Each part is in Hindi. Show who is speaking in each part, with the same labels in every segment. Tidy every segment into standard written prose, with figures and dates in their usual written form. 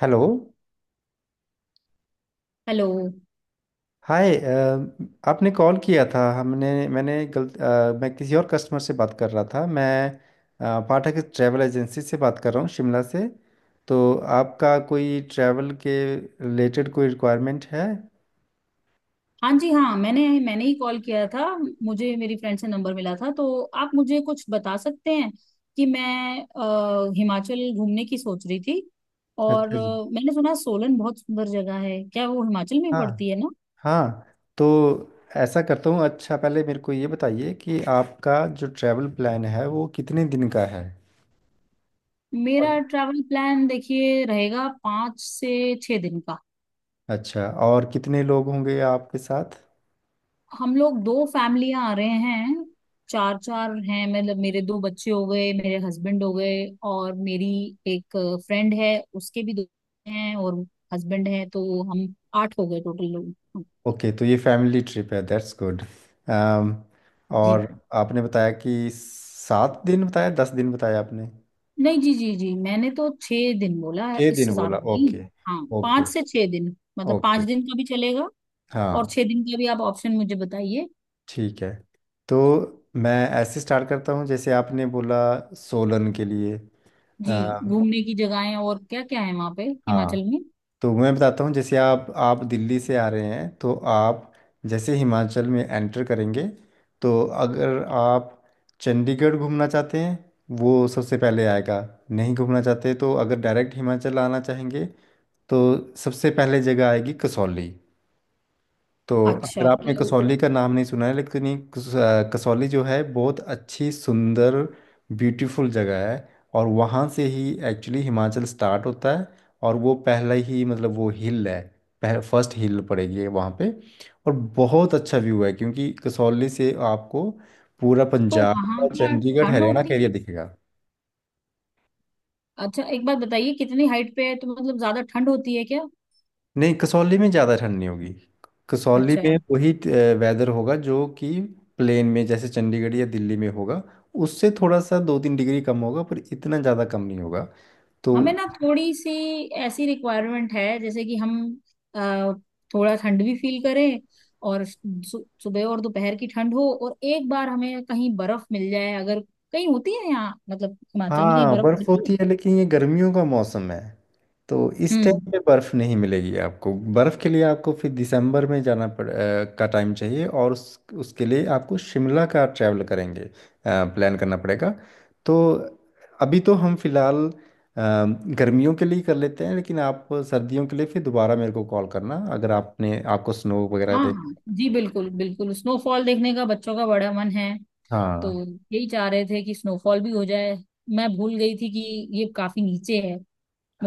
Speaker 1: हेलो।
Speaker 2: हेलो।
Speaker 1: हाय आपने कॉल किया था। हमने मैंने गलत मैं किसी और कस्टमर से बात कर रहा था। मैं पाठक ट्रैवल एजेंसी से बात कर रहा हूँ, शिमला से। तो आपका कोई ट्रैवल के रिलेटेड कोई रिक्वायरमेंट है?
Speaker 2: हाँ जी हाँ, मैंने मैंने ही कॉल किया था। मुझे मेरी फ्रेंड से नंबर मिला था, तो आप मुझे कुछ बता सकते हैं कि मैं हिमाचल घूमने की सोच रही थी। और
Speaker 1: अच्छा जी।
Speaker 2: मैंने सुना सोलन बहुत सुंदर जगह है। क्या वो हिमाचल में
Speaker 1: हाँ।
Speaker 2: पड़ती है ना?
Speaker 1: हाँ। तो ऐसा करता हूँ, अच्छा पहले मेरे को ये बताइए कि आपका जो ट्रैवल प्लान है वो कितने दिन का है? और-
Speaker 2: मेरा ट्रैवल प्लान देखिए रहेगा 5 से 6 दिन का।
Speaker 1: अच्छा और कितने लोग होंगे आपके साथ?
Speaker 2: हम लोग दो फैमिलियां आ रहे हैं। चार चार हैं, मतलब मेरे दो बच्चे हो गए, मेरे हस्बैंड हो गए, और मेरी एक फ्रेंड है, उसके भी दो हैं और हस्बैंड है, तो हम आठ हो गए टोटल लोग।
Speaker 1: ओके, तो ये फैमिली ट्रिप है, दैट्स गुड।
Speaker 2: जी
Speaker 1: और आपने बताया कि 7 दिन बताया, 10 दिन बताया आपने?
Speaker 2: नहीं, जी जी जी, मैंने तो 6 दिन बोला है,
Speaker 1: 6 दिन
Speaker 2: इससे ज्यादा
Speaker 1: बोला,
Speaker 2: नहीं।
Speaker 1: ओके।
Speaker 2: हाँ,
Speaker 1: ओके।
Speaker 2: 5 से 6 दिन, मतलब पाँच
Speaker 1: ओके।
Speaker 2: दिन का भी चलेगा। और
Speaker 1: हाँ।
Speaker 2: 6 दिन का भी आप ऑप्शन मुझे बताइए।
Speaker 1: ठीक है, तो मैं ऐसे स्टार्ट करता हूँ जैसे आपने बोला, सोलन के लिए।
Speaker 2: जी,
Speaker 1: अ,
Speaker 2: घूमने की जगहें और क्या क्या है वहां पे,
Speaker 1: हाँ,
Speaker 2: हिमाचल में?
Speaker 1: तो मैं बताता हूँ जैसे आप दिल्ली से आ रहे हैं, तो आप जैसे हिमाचल में एंटर करेंगे, तो अगर आप चंडीगढ़ घूमना चाहते हैं, वो सबसे पहले आएगा। नहीं घूमना चाहते तो अगर डायरेक्ट हिमाचल आना चाहेंगे, तो सबसे पहले जगह आएगी कसौली। तो अगर
Speaker 2: अच्छा। तो
Speaker 1: आपने कसौली का नाम नहीं सुना है, लेकिन ये कसौली जो है बहुत अच्छी सुंदर ब्यूटीफुल जगह है। और वहाँ से ही एक्चुअली हिमाचल स्टार्ट होता है। और वो पहला ही मतलब वो हिल है, फर्स्ट हिल पड़ेगी वहाँ पे। और बहुत अच्छा व्यू है क्योंकि कसौली से आपको पूरा
Speaker 2: तो
Speaker 1: पंजाब
Speaker 2: वहां
Speaker 1: और
Speaker 2: क्या
Speaker 1: चंडीगढ़
Speaker 2: ठंड
Speaker 1: हरियाणा का
Speaker 2: होती
Speaker 1: एरिया
Speaker 2: है?
Speaker 1: दिखेगा।
Speaker 2: अच्छा, एक बात बताइए कितनी हाइट पे है तो, मतलब ज्यादा ठंड होती है क्या?
Speaker 1: नहीं, कसौली में ज़्यादा ठंड नहीं होगी। कसौली
Speaker 2: अच्छा।
Speaker 1: में वही वेदर होगा जो कि प्लेन में जैसे चंडीगढ़ या दिल्ली में होगा, उससे थोड़ा सा 2-3 डिग्री कम होगा, पर इतना ज़्यादा कम नहीं होगा। तो
Speaker 2: हमें ना थोड़ी सी ऐसी रिक्वायरमेंट है जैसे कि हम अ, थोड़ा ठंड भी फील करें। और सुबह और दोपहर की ठंड हो, और एक बार हमें कहीं बर्फ मिल जाए अगर कहीं होती है यहाँ, मतलब हिमाचल में कहीं
Speaker 1: हाँ,
Speaker 2: बर्फ
Speaker 1: बर्फ
Speaker 2: पड़ती है?
Speaker 1: होती है लेकिन ये गर्मियों का मौसम है, तो इस
Speaker 2: हम्म।
Speaker 1: टाइम पे बर्फ नहीं मिलेगी आपको। बर्फ के लिए आपको फिर दिसंबर में का टाइम चाहिए, और उसके लिए आपको शिमला का ट्रैवल करेंगे प्लान करना पड़ेगा। तो अभी तो हम फिलहाल गर्मियों के लिए कर लेते हैं, लेकिन आप सर्दियों के लिए फिर दोबारा मेरे को कॉल करना, अगर आपने आपको स्नो वगैरह
Speaker 2: हाँ
Speaker 1: देख।
Speaker 2: हाँ जी, बिल्कुल बिल्कुल स्नोफॉल देखने का बच्चों का बड़ा मन है। तो
Speaker 1: हाँ।
Speaker 2: यही चाह रहे थे कि स्नोफॉल भी हो जाए। मैं भूल गई थी कि ये काफी नीचे है।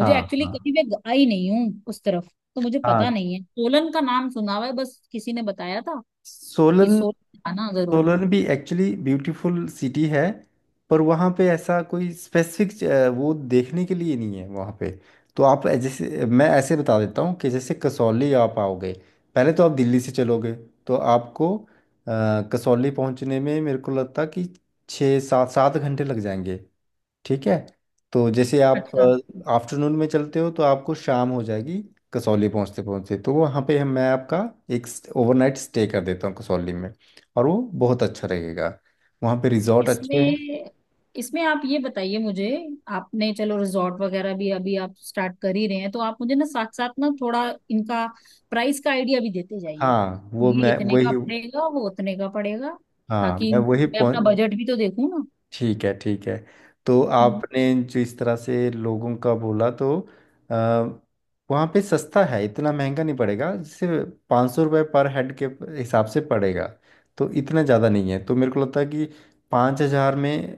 Speaker 1: हाँ।
Speaker 2: एक्चुअली,
Speaker 1: हाँ।
Speaker 2: कभी मैं आई नहीं हूँ उस तरफ। तो मुझे
Speaker 1: हाँ।
Speaker 2: पता नहीं है, सोलन का नाम सुना हुआ है बस, किसी ने बताया था कि
Speaker 1: सोलन।
Speaker 2: सोलन आना जरूर।
Speaker 1: सोलन भी एक्चुअली ब्यूटीफुल सिटी है, पर वहाँ पे ऐसा कोई स्पेसिफिक वो देखने के लिए नहीं है वहाँ पे। तो आप जैसे, मैं ऐसे बता देता हूँ कि जैसे कसौली आप आओगे, पहले तो आप दिल्ली से चलोगे, तो आपको कसौली पहुँचने में मेरे को लगता कि छः सात सात घंटे लग जाएंगे। ठीक है। तो जैसे आप
Speaker 2: अच्छा।
Speaker 1: आफ्टरनून में चलते हो तो आपको शाम हो जाएगी कसौली पहुंचते पहुंचते, तो वहाँ पे हम मैं आपका एक ओवरनाइट स्टे कर देता हूँ कसौली में, और वो बहुत अच्छा रहेगा, वहाँ पे रिजॉर्ट अच्छे हैं।
Speaker 2: इसमें इसमें आप ये बताइए मुझे। आपने चलो रिजॉर्ट वगैरह भी अभी आप स्टार्ट कर ही रहे हैं, तो आप मुझे ना साथ साथ ना थोड़ा इनका प्राइस का आइडिया भी देते जाइए।
Speaker 1: हाँ, वो
Speaker 2: ये
Speaker 1: मैं
Speaker 2: इतने का
Speaker 1: वही।
Speaker 2: पड़ेगा, वो उतने का पड़ेगा।
Speaker 1: हाँ,
Speaker 2: ताकि
Speaker 1: मैं वही
Speaker 2: मैं अपना
Speaker 1: पहुँच।
Speaker 2: बजट भी तो देखूँ ना।
Speaker 1: ठीक है, ठीक है। तो
Speaker 2: हम्म।
Speaker 1: आपने जो इस तरह से लोगों का बोला, तो आ, वहाँ पे सस्ता है, इतना महंगा नहीं पड़ेगा, जैसे 500 रुपये पर हेड के हिसाब से पड़ेगा। तो इतना ज़्यादा नहीं है, तो मेरे को लगता है कि 5,000 में,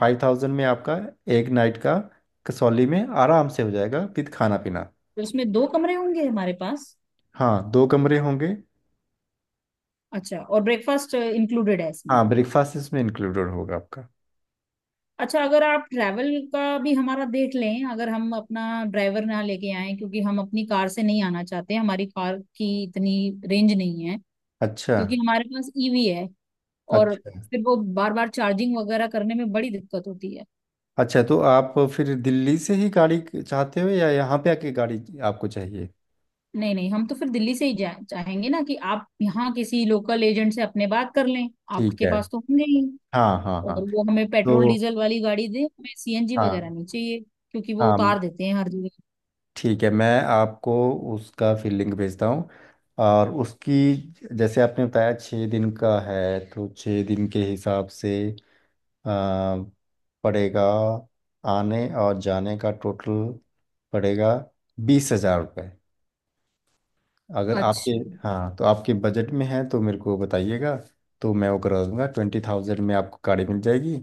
Speaker 1: 5,000 में आपका एक नाइट का कसौली में आराम से हो जाएगा विद खाना पीना।
Speaker 2: तो इसमें दो कमरे होंगे हमारे पास?
Speaker 1: हाँ, दो कमरे होंगे।
Speaker 2: अच्छा। और ब्रेकफास्ट इंक्लूडेड है इसमें?
Speaker 1: हाँ, ब्रेकफास्ट इसमें इंक्लूडेड होगा आपका।
Speaker 2: अच्छा, अगर आप ट्रैवल का भी हमारा देख लें, अगर हम अपना ड्राइवर ना लेके आए, क्योंकि हम अपनी कार से नहीं आना चाहते, हमारी कार की इतनी रेंज नहीं है।
Speaker 1: अच्छा।
Speaker 2: क्योंकि हमारे पास ईवी है। और
Speaker 1: अच्छा।
Speaker 2: फिर वो बार बार चार्जिंग वगैरह करने में बड़ी दिक्कत होती है।
Speaker 1: अच्छा, तो आप फिर दिल्ली से ही गाड़ी चाहते हो या यहाँ पे आके गाड़ी आपको चाहिए?
Speaker 2: नहीं नहीं, हम तो फिर दिल्ली से ही चाहेंगे ना कि आप यहाँ किसी लोकल एजेंट से अपने बात कर लें।
Speaker 1: ठीक
Speaker 2: आपके
Speaker 1: है।
Speaker 2: पास तो होंगे ही।
Speaker 1: हाँ। हाँ।
Speaker 2: और
Speaker 1: हाँ।
Speaker 2: वो हमें पेट्रोल
Speaker 1: तो
Speaker 2: डीजल वाली गाड़ी दे, हमें सीएनजी वगैरह
Speaker 1: हाँ।
Speaker 2: नहीं चाहिए। क्योंकि वो
Speaker 1: हाँ।
Speaker 2: उतार देते हैं हर जगह।
Speaker 1: ठीक है, मैं आपको उसका फिर लिंक भेजता हूँ, और उसकी जैसे आपने बताया 6 दिन का है तो 6 दिन के हिसाब से आ, पड़ेगा। आने और जाने का टोटल पड़ेगा 20,000 रुपये। अगर आपके,
Speaker 2: अच्छा
Speaker 1: हाँ, तो आपके बजट में है तो मेरे को बताइएगा, तो मैं वो करवा दूंगा। 20,000 में आपको गाड़ी मिल जाएगी।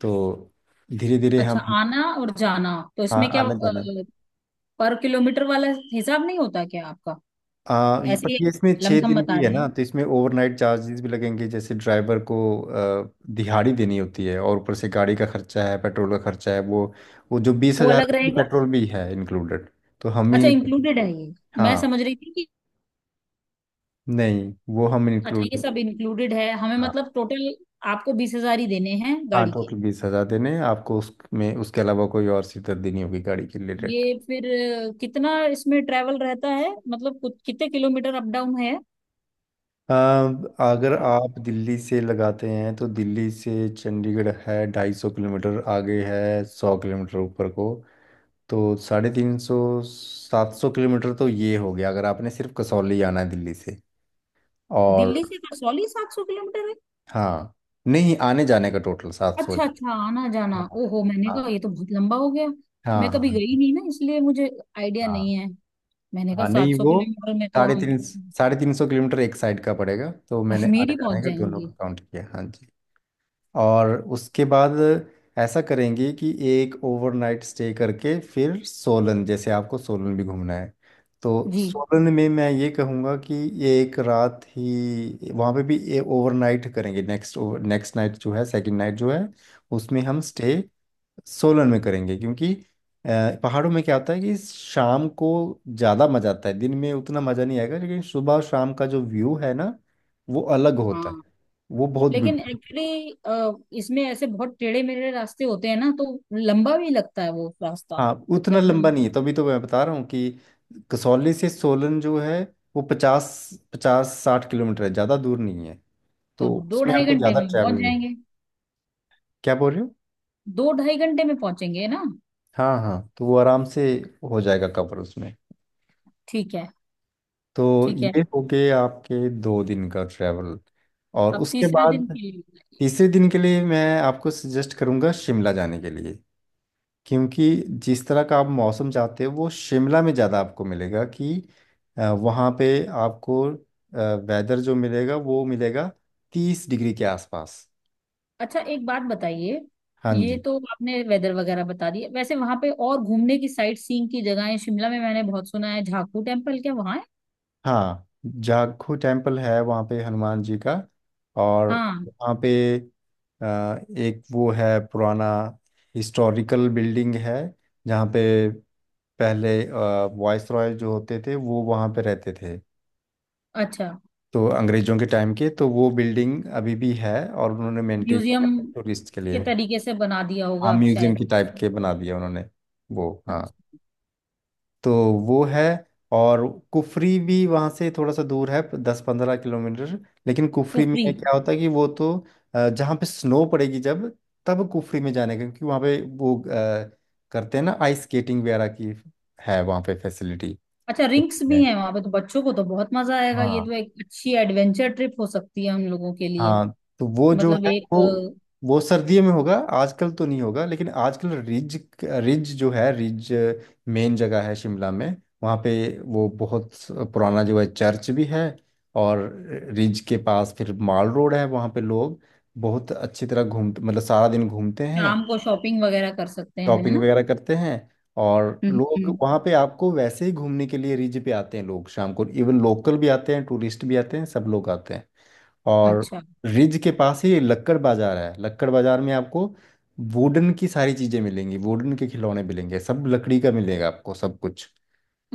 Speaker 1: तो धीरे धीरे
Speaker 2: अच्छा,
Speaker 1: हम।
Speaker 2: आना और जाना, तो
Speaker 1: हाँ,
Speaker 2: इसमें क्या
Speaker 1: आना जाना,
Speaker 2: पर किलोमीटर वाला हिसाब नहीं होता क्या आपका?
Speaker 1: ये पर
Speaker 2: ऐसे ही
Speaker 1: ये इसमें छः
Speaker 2: लमसम
Speaker 1: दिन
Speaker 2: बता
Speaker 1: भी है
Speaker 2: रहे
Speaker 1: ना,
Speaker 2: हैं?
Speaker 1: तो इसमें ओवरनाइट चार्जेस भी लगेंगे, जैसे ड्राइवर को आ, दिहाड़ी देनी होती है, और ऊपर से गाड़ी का खर्चा है, पेट्रोल का खर्चा है, वो जो बीस
Speaker 2: वो
Speaker 1: हजार
Speaker 2: अलग रहेगा?
Speaker 1: पेट्रोल भी है इंक्लूडेड। तो हम
Speaker 2: अच्छा,
Speaker 1: ही।
Speaker 2: इंक्लूडेड है ये? मैं
Speaker 1: हाँ,
Speaker 2: समझ रही थी कि।
Speaker 1: नहीं वो हम
Speaker 2: अच्छा, ये
Speaker 1: इंक्लूडेड।
Speaker 2: सब इंक्लूडेड है हमें, मतलब टोटल आपको 20 हजार ही देने हैं
Speaker 1: हाँ,
Speaker 2: गाड़ी के?
Speaker 1: टोटल 20,000 देने हैं आपको, उसमें उसके अलावा कोई और सीधत देनी होगी गाड़ी के
Speaker 2: ये
Speaker 1: रिलेटेड।
Speaker 2: फिर कितना इसमें ट्रैवल रहता है, मतलब कुछ कितने किलोमीटर अप डाउन है?
Speaker 1: अब अगर आप दिल्ली से लगाते हैं, तो दिल्ली से चंडीगढ़ है 250 किलोमीटर, आगे है 100 किलोमीटर ऊपर को, तो 350, 700 किलोमीटर, तो ये हो गया अगर आपने सिर्फ कसौली आना है दिल्ली से और।
Speaker 2: दिल्ली से कसौली 700 किलोमीटर है?
Speaker 1: हाँ। नहीं, आने जाने का टोटल 700।
Speaker 2: अच्छा अच्छा, आना जाना,
Speaker 1: हाँ।
Speaker 2: ओहो, मैंने कहा ये तो बहुत लंबा हो गया।
Speaker 1: हाँ।
Speaker 2: मैं कभी
Speaker 1: हाँ।
Speaker 2: गई नहीं ना, इसलिए मुझे आइडिया
Speaker 1: हाँ।
Speaker 2: नहीं है। मैंने कहा
Speaker 1: हाँ,
Speaker 2: सात
Speaker 1: नहीं
Speaker 2: सौ
Speaker 1: वो
Speaker 2: किलोमीटर में तो हम
Speaker 1: साढ़े तीन सौ किलोमीटर एक साइड का पड़ेगा, तो मैंने
Speaker 2: कश्मीर
Speaker 1: आने
Speaker 2: ही
Speaker 1: जाने
Speaker 2: पहुंच
Speaker 1: का दोनों का
Speaker 2: जाएंगे।
Speaker 1: काउंट किया, हाँ जी। और उसके बाद ऐसा करेंगे कि एक ओवरनाइट स्टे करके फिर सोलन, जैसे आपको सोलन भी घूमना है, तो
Speaker 2: जी।
Speaker 1: सोलन में मैं ये कहूँगा कि ये एक रात ही वहाँ पे भी ये ओवरनाइट करेंगे। नेक्स्ट नेक्स्ट नाइट जो है, सेकंड नाइट जो है, उसमें हम स्टे सोलन में करेंगे, क्योंकि पहाड़ों में क्या होता है कि शाम को ज़्यादा मज़ा आता है, दिन में उतना मज़ा नहीं आएगा, लेकिन सुबह और शाम का जो व्यू है ना वो अलग होता है।
Speaker 2: हाँ,
Speaker 1: वो बहुत
Speaker 2: लेकिन
Speaker 1: ब्यूटीफुल।
Speaker 2: एक्चुअली इसमें ऐसे बहुत टेढ़े मेढ़े रास्ते होते हैं ना, तो लंबा भी लगता है वो रास्ता
Speaker 1: हाँ, उतना
Speaker 2: जब।
Speaker 1: लंबा नहीं है, तभी तो मैं बता रहा हूँ कि कसौली से सोलन जो है वो पचास 50-60 किलोमीटर है, ज़्यादा दूर नहीं है,
Speaker 2: तो
Speaker 1: तो
Speaker 2: दो
Speaker 1: उसमें
Speaker 2: ढाई
Speaker 1: आपको
Speaker 2: घंटे
Speaker 1: ज़्यादा
Speaker 2: में
Speaker 1: ट्रैवल
Speaker 2: पहुंच
Speaker 1: नहीं है।
Speaker 2: जाएंगे।
Speaker 1: क्या बोल रहे हो?
Speaker 2: दो ढाई घंटे में पहुंचेंगे ना?
Speaker 1: हाँ हाँ, तो वो आराम से हो जाएगा कवर उसमें।
Speaker 2: ठीक है,
Speaker 1: तो
Speaker 2: ठीक है।
Speaker 1: ये हो गए आपके 2 दिन का ट्रैवल। और
Speaker 2: अब
Speaker 1: उसके
Speaker 2: तीसरे दिन
Speaker 1: बाद
Speaker 2: के लिए।
Speaker 1: तीसरे दिन के लिए मैं आपको सजेस्ट करूंगा शिमला जाने के लिए, क्योंकि जिस तरह का आप मौसम चाहते हो वो शिमला में ज़्यादा आपको मिलेगा कि वहाँ पे आपको वेदर जो मिलेगा वो मिलेगा 30 डिग्री के आसपास।
Speaker 2: अच्छा, एक बात बताइए,
Speaker 1: हाँ
Speaker 2: ये
Speaker 1: जी।
Speaker 2: तो आपने वेदर वगैरह बता दिया, वैसे वहां पे और घूमने की साइट सीइंग की जगहें? शिमला में मैंने बहुत सुना है झाकू टेम्पल, क्या वहां है?
Speaker 1: हाँ, जाखू टेम्पल है वहाँ पे हनुमान जी का। और
Speaker 2: हाँ।
Speaker 1: वहाँ पे एक वो है पुराना हिस्टोरिकल बिल्डिंग है, जहाँ पे पहले वॉइस रॉय जो होते थे वो वहाँ पे रहते थे,
Speaker 2: अच्छा,
Speaker 1: तो अंग्रेजों के टाइम के, तो वो बिल्डिंग अभी भी है और उन्होंने मेंटेन
Speaker 2: म्यूजियम
Speaker 1: टूरिस्ट के
Speaker 2: के
Speaker 1: लिए।
Speaker 2: तरीके से बना दिया
Speaker 1: हाँ,
Speaker 2: होगा आप
Speaker 1: म्यूजियम
Speaker 2: शायद?
Speaker 1: की टाइप के बना दिया उन्होंने वो, हाँ।
Speaker 2: अच्छा,
Speaker 1: तो वो है, और कुफरी भी वहाँ से थोड़ा सा दूर है, 10-15 किलोमीटर, लेकिन कुफरी में
Speaker 2: कुफरी।
Speaker 1: क्या होता है कि वो तो जहाँ पे स्नो पड़ेगी, जब तब कुफरी में जाने का, क्योंकि वहाँ पे वो करते हैं ना आइस स्केटिंग वगैरह की, है वहाँ पे फैसिलिटी।
Speaker 2: अच्छा, रिंक्स भी हैं वहां पे तो बच्चों को तो बहुत मजा आएगा। ये
Speaker 1: हाँ।
Speaker 2: तो एक अच्छी एडवेंचर ट्रिप हो सकती है हम लोगों के लिए।
Speaker 1: हाँ, तो वो जो
Speaker 2: मतलब
Speaker 1: है
Speaker 2: एक
Speaker 1: वो वो सर्दियों में होगा, आजकल तो नहीं होगा, लेकिन आजकल रिज रिज जो है रिज मेन जगह है शिमला में। वहाँ पे वो बहुत पुराना जो है चर्च भी है, और रिज के पास फिर माल रोड है, वहाँ पे लोग बहुत अच्छी तरह घूम मतलब सारा दिन घूमते हैं,
Speaker 2: शाम को शॉपिंग वगैरह कर सकते हैं, है
Speaker 1: शॉपिंग
Speaker 2: ना?
Speaker 1: वगैरह करते हैं। और
Speaker 2: हम्म,
Speaker 1: लोग
Speaker 2: हम्म।
Speaker 1: वहाँ पे आपको वैसे ही घूमने के लिए रिज पे आते हैं, लोग शाम को, इवन लोकल भी आते हैं, टूरिस्ट भी आते हैं, सब लोग आते हैं। और
Speaker 2: अच्छा,
Speaker 1: रिज के पास ही लक्कड़ बाजार है, लक्कड़ बाजार में आपको वुडन की सारी चीज़ें मिलेंगी, वुडन के खिलौने मिलेंगे, सब लकड़ी का मिलेगा आपको सब कुछ।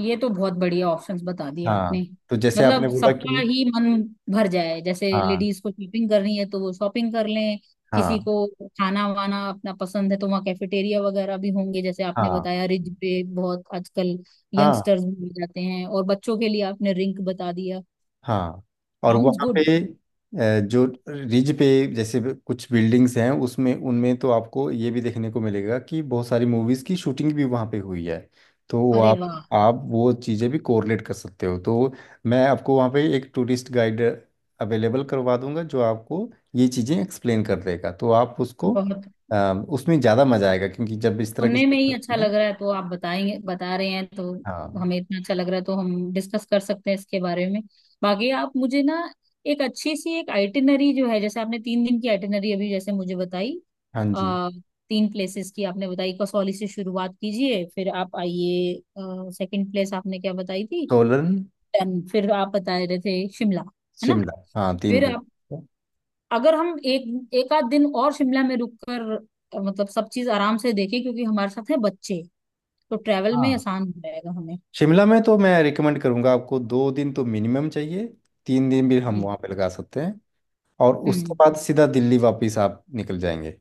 Speaker 2: ये तो बहुत बढ़िया ऑप्शंस बता दिए आपने।
Speaker 1: हाँ, तो जैसे आपने
Speaker 2: मतलब
Speaker 1: बोला
Speaker 2: सबका
Speaker 1: कि।
Speaker 2: ही मन भर जाए, जैसे
Speaker 1: हाँ।
Speaker 2: लेडीज को शॉपिंग करनी है तो वो शॉपिंग कर लें। किसी
Speaker 1: हाँ।
Speaker 2: को खाना वाना अपना पसंद है तो वहाँ कैफेटेरिया वगैरह भी होंगे, जैसे आपने
Speaker 1: हाँ।
Speaker 2: बताया रिज पे बहुत आजकल
Speaker 1: हाँ।
Speaker 2: यंगस्टर्स भी मिल जाते हैं, और बच्चों के लिए आपने रिंक बता दिया।
Speaker 1: हाँ, और
Speaker 2: साउंड्स
Speaker 1: वहाँ पे
Speaker 2: गुड।
Speaker 1: जो रिज पे जैसे भी कुछ बिल्डिंग्स हैं उसमें उनमें, तो आपको ये भी देखने को मिलेगा कि बहुत सारी मूवीज़ की शूटिंग भी वहाँ पे हुई है, तो वो
Speaker 2: अरे
Speaker 1: आप
Speaker 2: वाह!
Speaker 1: आप वो चीज़ें भी कोरिलेट कर सकते हो। तो मैं आपको वहाँ पे एक टूरिस्ट गाइड अवेलेबल करवा दूंगा जो आपको ये चीज़ें एक्सप्लेन कर देगा, तो आप उसको
Speaker 2: बहुत,
Speaker 1: अ, उसमें ज़्यादा मज़ा आएगा क्योंकि जब इस तरह की
Speaker 2: सुनने में
Speaker 1: चीज़ें
Speaker 2: ही अच्छा
Speaker 1: होती हैं,
Speaker 2: लग रहा है, तो आप बताएंगे बता रहे हैं तो
Speaker 1: हाँ।
Speaker 2: हमें इतना अच्छा लग रहा है, तो हम डिस्कस कर सकते हैं इसके बारे में। बाकी आप मुझे ना एक अच्छी सी एक आइटिनरी जो है, जैसे आपने 3 दिन की आइटिनरी अभी जैसे मुझे बताई।
Speaker 1: हाँ जी।
Speaker 2: आ, तीन प्लेसेस की आपने बताई, कसौली से शुरुआत कीजिए फिर आप आइए। सेकंड प्लेस आपने क्या बताई थी?
Speaker 1: सोलन।
Speaker 2: डन। फिर आप बता रहे थे शिमला, है ना?
Speaker 1: शिमला, हाँ, तीन
Speaker 2: फिर
Speaker 1: प्लेस
Speaker 2: आप, अगर हम एक एक आध दिन और शिमला में रुक कर मतलब सब चीज आराम से देखें, क्योंकि हमारे साथ है बच्चे तो ट्रैवल में
Speaker 1: हाँ,
Speaker 2: आसान हो जाएगा हमें।
Speaker 1: शिमला में तो मैं रिकमेंड करूंगा आपको, 2 दिन तो मिनिमम चाहिए, 3 दिन भी हम
Speaker 2: जी।
Speaker 1: वहाँ पे लगा सकते हैं, और उसके
Speaker 2: हम्म।
Speaker 1: बाद सीधा दिल्ली वापस आप निकल जाएंगे।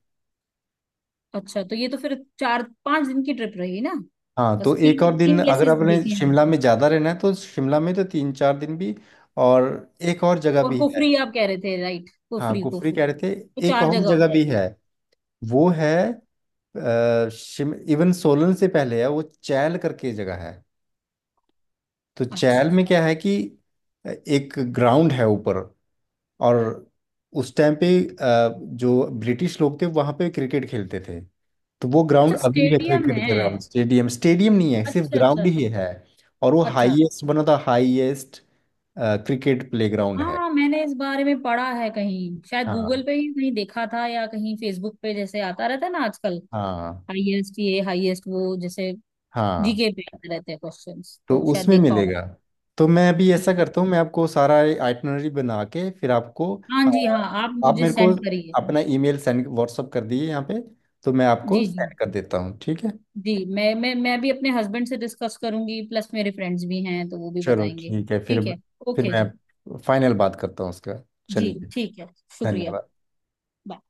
Speaker 2: अच्छा, तो ये तो फिर 4-5 दिन की ट्रिप रही ना?
Speaker 1: हाँ, तो
Speaker 2: बस
Speaker 1: एक
Speaker 2: तीन
Speaker 1: और दिन
Speaker 2: तीन
Speaker 1: अगर
Speaker 2: प्लेसेस
Speaker 1: आपने
Speaker 2: देखे हैं।
Speaker 1: शिमला में ज़्यादा रहना है, तो शिमला में तो 3-4 दिन भी। और एक और जगह
Speaker 2: और
Speaker 1: भी है।
Speaker 2: कुफरी आप कह रहे थे राइट,
Speaker 1: हाँ,
Speaker 2: कुफरी
Speaker 1: कुफरी कह
Speaker 2: कुफरी।
Speaker 1: रहे थे।
Speaker 2: तो
Speaker 1: एक
Speaker 2: चार
Speaker 1: और
Speaker 2: जगह हो
Speaker 1: जगह भी
Speaker 2: जाएगी।
Speaker 1: है, वो है, अ, शिम इवन सोलन से पहले है, वो चैल करके जगह है। तो चैल
Speaker 2: अच्छा,
Speaker 1: में क्या है कि एक ग्राउंड है ऊपर, और उस टाइम पे जो ब्रिटिश लोग थे वहां पे क्रिकेट खेलते थे, तो वो ग्राउंड
Speaker 2: अच्छा
Speaker 1: अभी भी है,
Speaker 2: स्टेडियम
Speaker 1: क्रिकेट ग्राउंड,
Speaker 2: है।
Speaker 1: स्टेडियम स्टेडियम नहीं है सिर्फ
Speaker 2: अच्छा, अच्छा,
Speaker 1: ग्राउंड ही
Speaker 2: अच्छा।
Speaker 1: है। और वो
Speaker 2: अच्छा।
Speaker 1: हाईएस्ट बना था, हाईएस्ट क्रिकेट प्लेग्राउंड है।
Speaker 2: हाँ, मैंने इस बारे में पढ़ा है कहीं शायद
Speaker 1: हाँ।
Speaker 2: गूगल पे ही कहीं देखा था, या कहीं फेसबुक पे जैसे आता रहता है ना आजकल।
Speaker 1: हाँ।
Speaker 2: हाईएस्ट, ये हाईएस्ट वो जैसे
Speaker 1: हाँ,
Speaker 2: जीके पे आते रहते हैं क्वेश्चंस,
Speaker 1: तो
Speaker 2: तो शायद
Speaker 1: उसमें
Speaker 2: देखा होगा।
Speaker 1: मिलेगा। तो मैं अभी ऐसा करता हूँ, मैं आपको सारा आइटनरी बना के फिर आपको
Speaker 2: हाँ
Speaker 1: अ,
Speaker 2: जी हाँ, आप
Speaker 1: आप
Speaker 2: मुझे
Speaker 1: मेरे को
Speaker 2: सेंड करिए।
Speaker 1: अपना ईमेल सेंड व्हाट्सअप कर दिए यहाँ पे, तो मैं आपको
Speaker 2: जी जी।
Speaker 1: सेंड कर देता हूँ, ठीक है?
Speaker 2: जी मैं भी अपने हस्बैंड से डिस्कस करूंगी, प्लस मेरे फ्रेंड्स भी हैं तो वो भी
Speaker 1: चलो,
Speaker 2: बताएंगे।
Speaker 1: ठीक है फिर।
Speaker 2: ठीक है।
Speaker 1: फिर
Speaker 2: ओके जी।
Speaker 1: मैं फाइनल बात करता हूँ उसके बाद,
Speaker 2: जी,
Speaker 1: चलिए।
Speaker 2: ठीक है। शुक्रिया।
Speaker 1: धन्यवाद।
Speaker 2: Bye.